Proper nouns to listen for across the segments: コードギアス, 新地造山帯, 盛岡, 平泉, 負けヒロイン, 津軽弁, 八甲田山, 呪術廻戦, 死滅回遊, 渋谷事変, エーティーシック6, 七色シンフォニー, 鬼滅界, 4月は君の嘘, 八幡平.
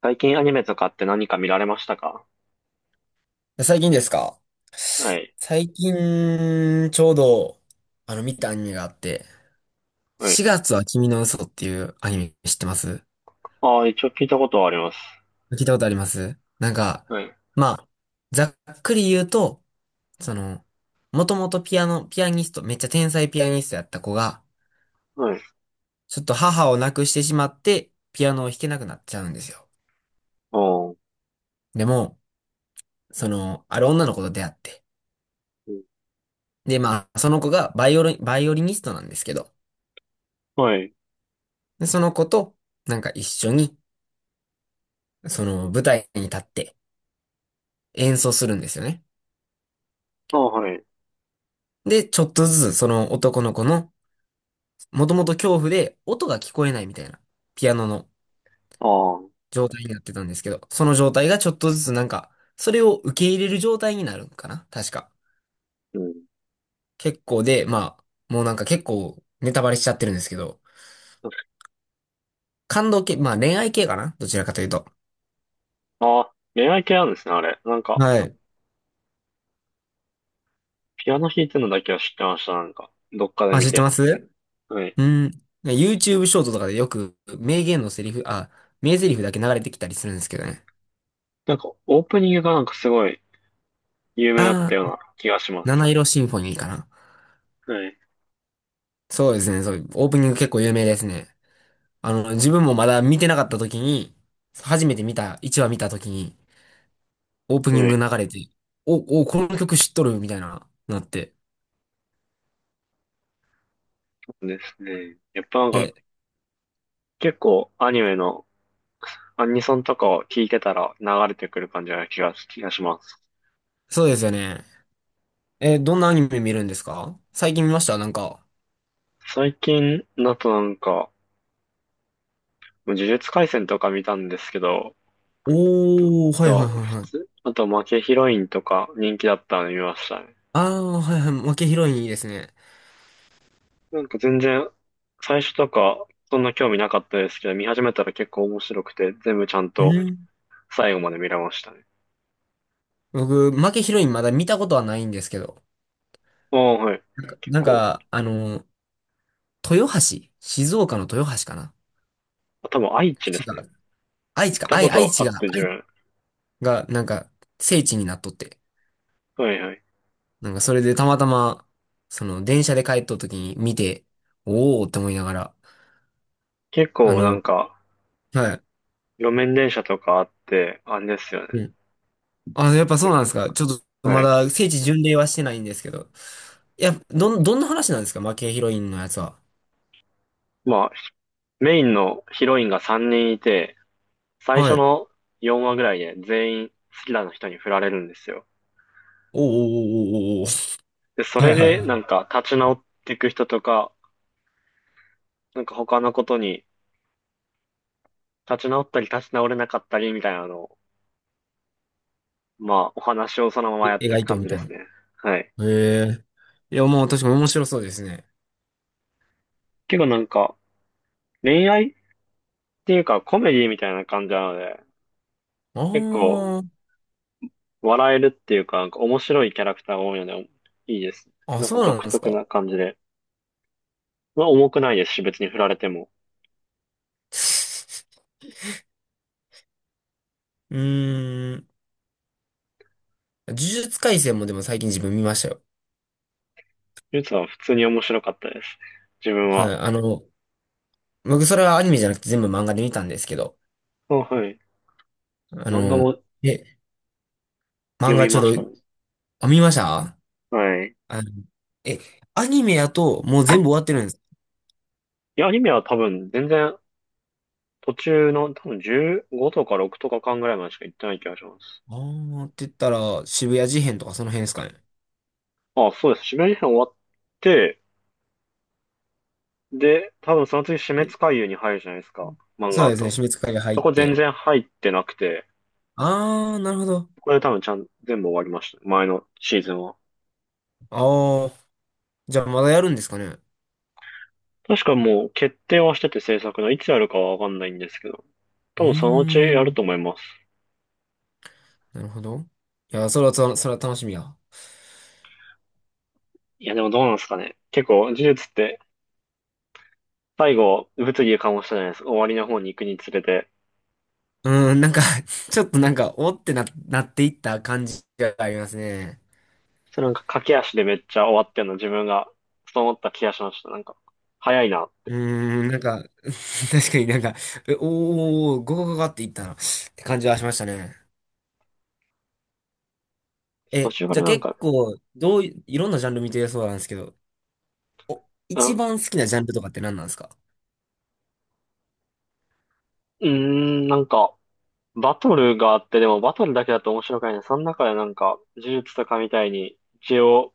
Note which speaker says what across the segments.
Speaker 1: 最近アニメとかって何か見られましたか？
Speaker 2: 最近ですか？
Speaker 1: はい。
Speaker 2: 最近、ちょうど、見たアニメがあって、
Speaker 1: はい。
Speaker 2: 4月は君の嘘っていうアニメ知ってます？
Speaker 1: ああ、一応聞いたことはあります。
Speaker 2: 聞いたことあります？なんか、
Speaker 1: はい。
Speaker 2: まあ、ざっくり言うと、その、もともとピアノ、ピアニスト、めっちゃ天才ピアニストやった子が、
Speaker 1: はい。
Speaker 2: ちょっと母を亡くしてしまって、ピアノを弾けなくなっちゃうんですよ。
Speaker 1: ああ、う
Speaker 2: でも、ある女の子と出会って、
Speaker 1: ん。
Speaker 2: で、まあ、その子がバイオリン、バイオリニストなんですけど、
Speaker 1: はい。
Speaker 2: で、その子と、なんか一緒に、その舞台に立って演奏するんですよね。
Speaker 1: ああ、はい。
Speaker 2: で、ちょっとずつその男の子の、もともと恐怖で音が聞こえないみたいな、ピアノの
Speaker 1: ああ、
Speaker 2: 状態になってたんですけど、その状態がちょっとずつなんか、それを受け入れる状態になるんかな確か。
Speaker 1: うん。
Speaker 2: 結構で、まあ、もうなんか結構ネタバレしちゃってるんですけど、感動系、まあ恋愛系かなどちらかというと。
Speaker 1: ああ、恋愛系なんですね、あれ。
Speaker 2: はい。
Speaker 1: ピアノ弾いてるのだけは知ってました、なんか。どっかで
Speaker 2: あ、
Speaker 1: 見
Speaker 2: 知って
Speaker 1: て。
Speaker 2: ます。
Speaker 1: はい。
Speaker 2: うん。YouTube ショートとかでよく名言のセリフ、あ、名台詞だけ流れてきたりするんですけどね。
Speaker 1: なんか、オープニングがなんかすごい有名だっ
Speaker 2: あ
Speaker 1: た
Speaker 2: あ、
Speaker 1: ような気がします。
Speaker 2: 七色シンフォニーかな。
Speaker 1: はい。
Speaker 2: そうですね、そう、オープニング結構有名ですね。自分もまだ見てなかった時に、初めて見た、1話見た時に、オープニン
Speaker 1: は
Speaker 2: グ
Speaker 1: い。
Speaker 2: 流れて、お、お、この曲知っとるみたいな、なって。
Speaker 1: そうですね。やっぱなんか、
Speaker 2: え、
Speaker 1: 結構アニメのアニソンとかを聞いてたら流れてくる感じな気がします。
Speaker 2: そうですよね。え、どんなアニメ見るんですか？最近見ました？なんか。
Speaker 1: 最近だとなんか、呪術廻戦とか見たんですけど、と
Speaker 2: おー、
Speaker 1: あ
Speaker 2: はいはい
Speaker 1: と、
Speaker 2: はい
Speaker 1: 普
Speaker 2: はい。
Speaker 1: 通、あと負けヒロインとか人気だったの見ましたね。
Speaker 2: あー、はいはい、負けヒロインいいですね。
Speaker 1: なんか全然、最初とかそんな興味なかったですけど、見始めたら結構面白くて、全部ちゃん
Speaker 2: う
Speaker 1: と
Speaker 2: ん、
Speaker 1: 最後まで見れましたね。
Speaker 2: 僕、負けヒロインまだ見たことはないんですけど。
Speaker 1: ああ、はい。
Speaker 2: なんか、
Speaker 1: 結
Speaker 2: なん
Speaker 1: 構、
Speaker 2: か豊橋、静岡の豊橋かな？
Speaker 1: 多分愛知で
Speaker 2: 滋
Speaker 1: すね。
Speaker 2: 賀、愛知
Speaker 1: 行っ
Speaker 2: か、
Speaker 1: た
Speaker 2: 愛、
Speaker 1: こ
Speaker 2: 愛
Speaker 1: と
Speaker 2: 知
Speaker 1: あ
Speaker 2: が、
Speaker 1: って自
Speaker 2: 愛
Speaker 1: 分。
Speaker 2: が、なんか、聖地になっとって。
Speaker 1: はいはい。
Speaker 2: なんか、それでたまたま、電車で帰っとった時に見て、おーって思いながら、
Speaker 1: 結
Speaker 2: あ
Speaker 1: 構なん
Speaker 2: の、
Speaker 1: か、
Speaker 2: は
Speaker 1: 路面電車とかあって、あれですよね。
Speaker 2: い。うん。あ、やっぱそうなんですか。ちょっと、ま
Speaker 1: はい。
Speaker 2: だ、聖地巡礼はしてないんですけど。いや、どん、どんな話なんですか負けヒロインのやつは？
Speaker 1: まあ、メインのヒロインが3人いて、最
Speaker 2: は
Speaker 1: 初
Speaker 2: い。
Speaker 1: の4話ぐらいで全員好きな人に振られるんですよ。
Speaker 2: おーおーおーおーおー。
Speaker 1: で、そ
Speaker 2: は
Speaker 1: れ
Speaker 2: いはい
Speaker 1: で
Speaker 2: は
Speaker 1: なんか立ち直っていく人とか、なんか他のことに立ち直ったり立ち直れなかったりみたいなのを、まあお話をそのま
Speaker 2: い。
Speaker 1: まやっ
Speaker 2: え、
Speaker 1: てい
Speaker 2: 描
Speaker 1: く
Speaker 2: いとう
Speaker 1: 感
Speaker 2: み
Speaker 1: じ
Speaker 2: た
Speaker 1: で
Speaker 2: いな。
Speaker 1: す
Speaker 2: へ
Speaker 1: ね。はい。
Speaker 2: え。いや、もう確かに面白そうですね。
Speaker 1: 結構なんか恋愛っていうかコメディみたいな感じなので、
Speaker 2: あ
Speaker 1: 結構
Speaker 2: ー。
Speaker 1: 笑えるっていうか、なんか面白いキャラクターが多いので、いいです。
Speaker 2: あ、
Speaker 1: なんか
Speaker 2: そうなん
Speaker 1: 独
Speaker 2: です
Speaker 1: 特
Speaker 2: か。
Speaker 1: な感じで。まあ重くないですし、別に振られても。
Speaker 2: うーん。呪術廻戦もでも最近自分見ましたよ。
Speaker 1: ゆつは普通に面白かったです。自分
Speaker 2: は
Speaker 1: は。
Speaker 2: い。僕それはアニメじゃなくて全部漫画で見たんですけど、
Speaker 1: あ、はい。
Speaker 2: あ
Speaker 1: 漫画
Speaker 2: の、
Speaker 1: も
Speaker 2: え、
Speaker 1: 読
Speaker 2: 漫画
Speaker 1: み
Speaker 2: ち
Speaker 1: ま
Speaker 2: ょ
Speaker 1: し
Speaker 2: う
Speaker 1: たね。
Speaker 2: ど、あ、見ました。
Speaker 1: はい。い
Speaker 2: あの、え、アニメやともう全部終わってるんです。
Speaker 1: や、アニメは多分全然途中の多分15とか6とか間ぐらいまでしか行ってない気がします。
Speaker 2: あーって言ったら渋谷事変とかその辺ですかね。
Speaker 1: あ、そうです。締め編終わって、で、多分その次死滅
Speaker 2: え、
Speaker 1: 回遊に入るじゃないですか。漫
Speaker 2: そ
Speaker 1: 画
Speaker 2: う
Speaker 1: だ
Speaker 2: ですね、
Speaker 1: と。
Speaker 2: 鬼滅界が入
Speaker 1: そ
Speaker 2: っ
Speaker 1: こ全
Speaker 2: て。
Speaker 1: 然入ってなくて、
Speaker 2: あー、なるほど。
Speaker 1: これで多分ちゃん、全部終わりました。前のシーズンは。
Speaker 2: あー、じゃあまだやるんですかね。う
Speaker 1: 確かもう決定はしてて制作のいつやるかはわかんないんですけど、多
Speaker 2: ー
Speaker 1: 分そのうちやる
Speaker 2: ん、
Speaker 1: と思います。
Speaker 2: なるほど。いや、それは、それはそれは楽しみや。
Speaker 1: いや、でもどうなんですかね。結構、呪術って最後、物議を醸したじゃないですか。終わりの方に行くにつれて。
Speaker 2: うん、なんか ちょっとなんか、おってな、なっていった感じがありますね。
Speaker 1: それなんか駆け足でめっちゃ終わってんの、自分が、そう思った気がしました。なんか、早いな。
Speaker 2: うーん、なんか、確かになんか、えおー、ゴゴゴゴっていったな、って感じはしましたね。
Speaker 1: 途
Speaker 2: え、
Speaker 1: 中か
Speaker 2: じゃ
Speaker 1: ら
Speaker 2: あ
Speaker 1: なん
Speaker 2: 結
Speaker 1: か、
Speaker 2: 構、どうい、いろんなジャンル見てるそうなんですけど、
Speaker 1: うん、
Speaker 2: 一番好きなジャンルとかって何なんですか？
Speaker 1: なんか、バトルがあって、でもバトルだけだと面白くないね。その中でなんか、呪術とかみたいに、一応、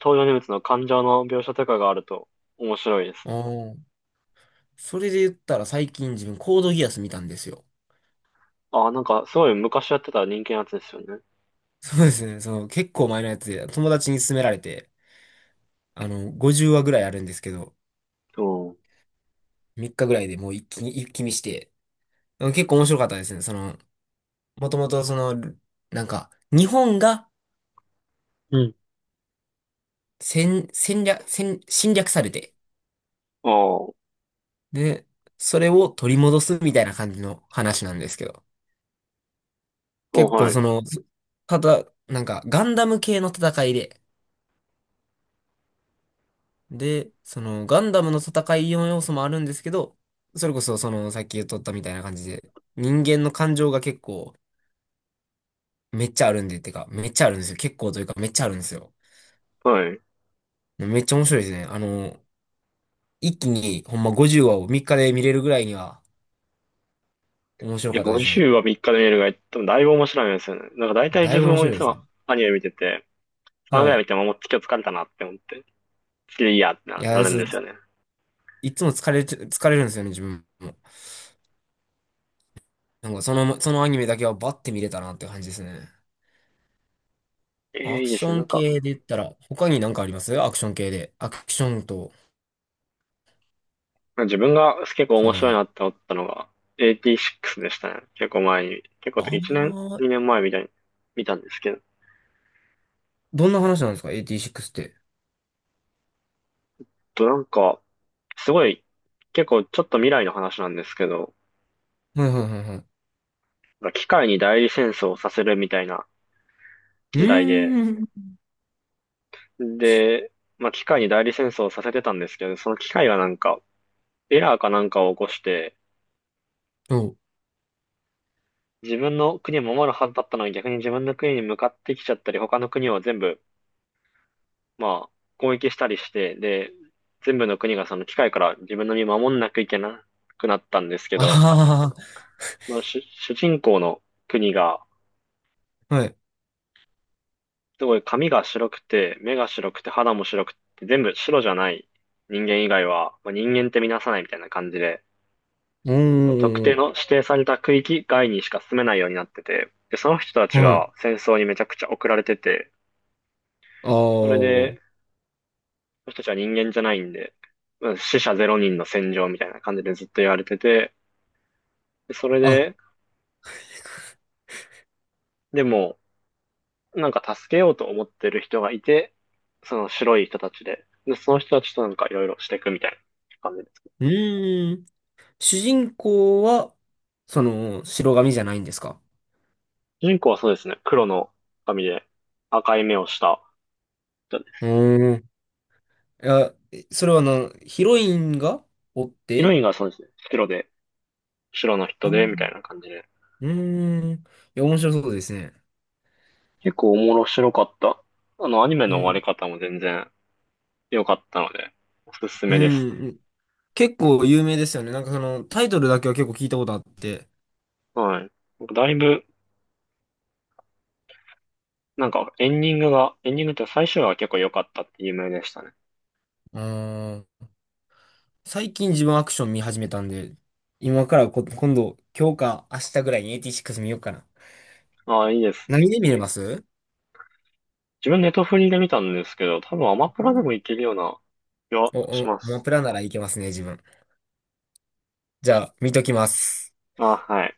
Speaker 1: 登場人物の感情の描写とかがあると面白いです
Speaker 2: あ
Speaker 1: ね。
Speaker 2: あー、それで言ったら最近自分コードギアス見たんですよ。
Speaker 1: ああ、なんか、すごい昔やってた人気のやつですよね。
Speaker 2: そうですね、その結構前のやつで友達に勧められて、50話ぐらいあるんですけど、
Speaker 1: そ
Speaker 2: 3日ぐらいでもう一気に、一気見して、うん、結構面白かったですね。もともとなんか、日本が
Speaker 1: う。うん。
Speaker 2: 戦、戦略、戦、侵略されて、
Speaker 1: ああ、
Speaker 2: で、それを取り戻すみたいな感じの話なんですけど、
Speaker 1: お
Speaker 2: 結構
Speaker 1: はい、
Speaker 2: その、ただ、なんか、ガンダム系の戦いで、で、その、ガンダムの戦いの要素もあるんですけど、それこそその、さっき言っとったみたいな感じで、人間の感情が結構、めっちゃあるんで、てか、めっちゃあるんですよ。結構というか、めっちゃあるんですよ。
Speaker 1: はい。
Speaker 2: めっちゃ面白いですね。一気にほんま50話を3日で見れるぐらいには面白
Speaker 1: え、
Speaker 2: かったですね。
Speaker 1: 50は3日で見れるが、多分だいぶ面白いんですよね。なんか大体
Speaker 2: だ
Speaker 1: 自
Speaker 2: いぶ
Speaker 1: 分
Speaker 2: 面
Speaker 1: もい
Speaker 2: 白いで
Speaker 1: つ
Speaker 2: す
Speaker 1: も
Speaker 2: ね。
Speaker 1: アニメ見てて、3ぐ
Speaker 2: は
Speaker 1: らい
Speaker 2: い。
Speaker 1: 見てももう今日疲れたなって思って、次でいいやって
Speaker 2: い
Speaker 1: な、な
Speaker 2: や、
Speaker 1: るん
Speaker 2: そう、
Speaker 1: ですよね。
Speaker 2: いつも疲れて、疲れるんですよね、自分も。なんかその、そのアニメだけはバッて見れたなって感じですね。
Speaker 1: えー、
Speaker 2: ア
Speaker 1: い
Speaker 2: ク
Speaker 1: いで
Speaker 2: シ
Speaker 1: すね。
Speaker 2: ョ
Speaker 1: なん
Speaker 2: ン
Speaker 1: か、
Speaker 2: 系で言ったら、他に何かあります？アクション系で。アクションと、
Speaker 1: 自分が結構
Speaker 2: そ
Speaker 1: 面白い
Speaker 2: の、
Speaker 1: なって思ったのが、t 6でしたね。結構前に、結構1年、
Speaker 2: ああ、
Speaker 1: 2年前みたいに見たんですけど、
Speaker 2: どんな話なんですかエーティーシック6って？
Speaker 1: となんか、すごい、結構ちょっと未来の話なんですけど、
Speaker 2: はいはいはいはい。
Speaker 1: なんか機械に代理戦争をさせるみたいな
Speaker 2: う
Speaker 1: 時代で、
Speaker 2: ーん。
Speaker 1: で、まあ、機械に代理戦争をさせてたんですけど、その機械がなんか、エラーかなんかを起こして、
Speaker 2: そう。
Speaker 1: 自分の国を守るはずだったのに逆に自分の国に向かってきちゃったり、他の国を全部、まあ、攻撃したりして、で、全部の国がその機械から自分の身を守んなきゃいけなくなったんですけど、
Speaker 2: あ
Speaker 1: 主人公の国が、
Speaker 2: あ、はい。
Speaker 1: すごい髪が白くて、目が白くて、肌も白くて、全部白じゃない人間以外は、まあ、人間って見なさないみたいな感じで、
Speaker 2: お
Speaker 1: 特定
Speaker 2: ー、
Speaker 1: の指定された区域外にしか住めないようになってて、で、その人たち
Speaker 2: はい。
Speaker 1: が戦争にめちゃくちゃ送られてて、それ
Speaker 2: あ
Speaker 1: で、その人たちは人間じゃないんで、うん死者ゼロ人の戦場みたいな感じでずっと言われてて、でそれ
Speaker 2: あ。
Speaker 1: で、でも、なんか助けようと思ってる人がいて、その白い人たちで、で、その人たちとなんかいろいろしていくみたいな感じです。
Speaker 2: うーん。主人公は、その、白髪じゃないんですか？
Speaker 1: 主人公はそうですね、黒の髪で赤い目をした人で、
Speaker 2: うーん。いや、それはな、ヒロインがおっ
Speaker 1: ヒロ
Speaker 2: て。
Speaker 1: インがそうですね、白で、白の人で、みたい
Speaker 2: あ、
Speaker 1: な感じで、
Speaker 2: うーん。いや、面白そうですね。
Speaker 1: 結構面白かった。あの、アニメ
Speaker 2: う
Speaker 1: の終わり
Speaker 2: ん。
Speaker 1: 方も全然良かったので、おすす
Speaker 2: う
Speaker 1: めですね。
Speaker 2: ん。結構有名ですよね。なんかその、タイトルだけは結構聞いたことあって。
Speaker 1: はい。だいぶ、なんかエンディングが、エンディングって最終話が結構良かったって有名でしたね。
Speaker 2: うーん。最近自分アクション見始めたんで、今からこ、今度、今日か明日ぐらいにエイティシック6見ようかな。
Speaker 1: ああ、いいですね。
Speaker 2: 何で見れま
Speaker 1: け
Speaker 2: す？
Speaker 1: 自分ネットフリで見たんですけど、多分アマプ
Speaker 2: う
Speaker 1: ラでも
Speaker 2: ん、
Speaker 1: いけるような気は
Speaker 2: お、
Speaker 1: し
Speaker 2: お、
Speaker 1: ま
Speaker 2: アマ
Speaker 1: す。
Speaker 2: プラならいけますね、自分。じゃあ、見ときます。
Speaker 1: あ、はい。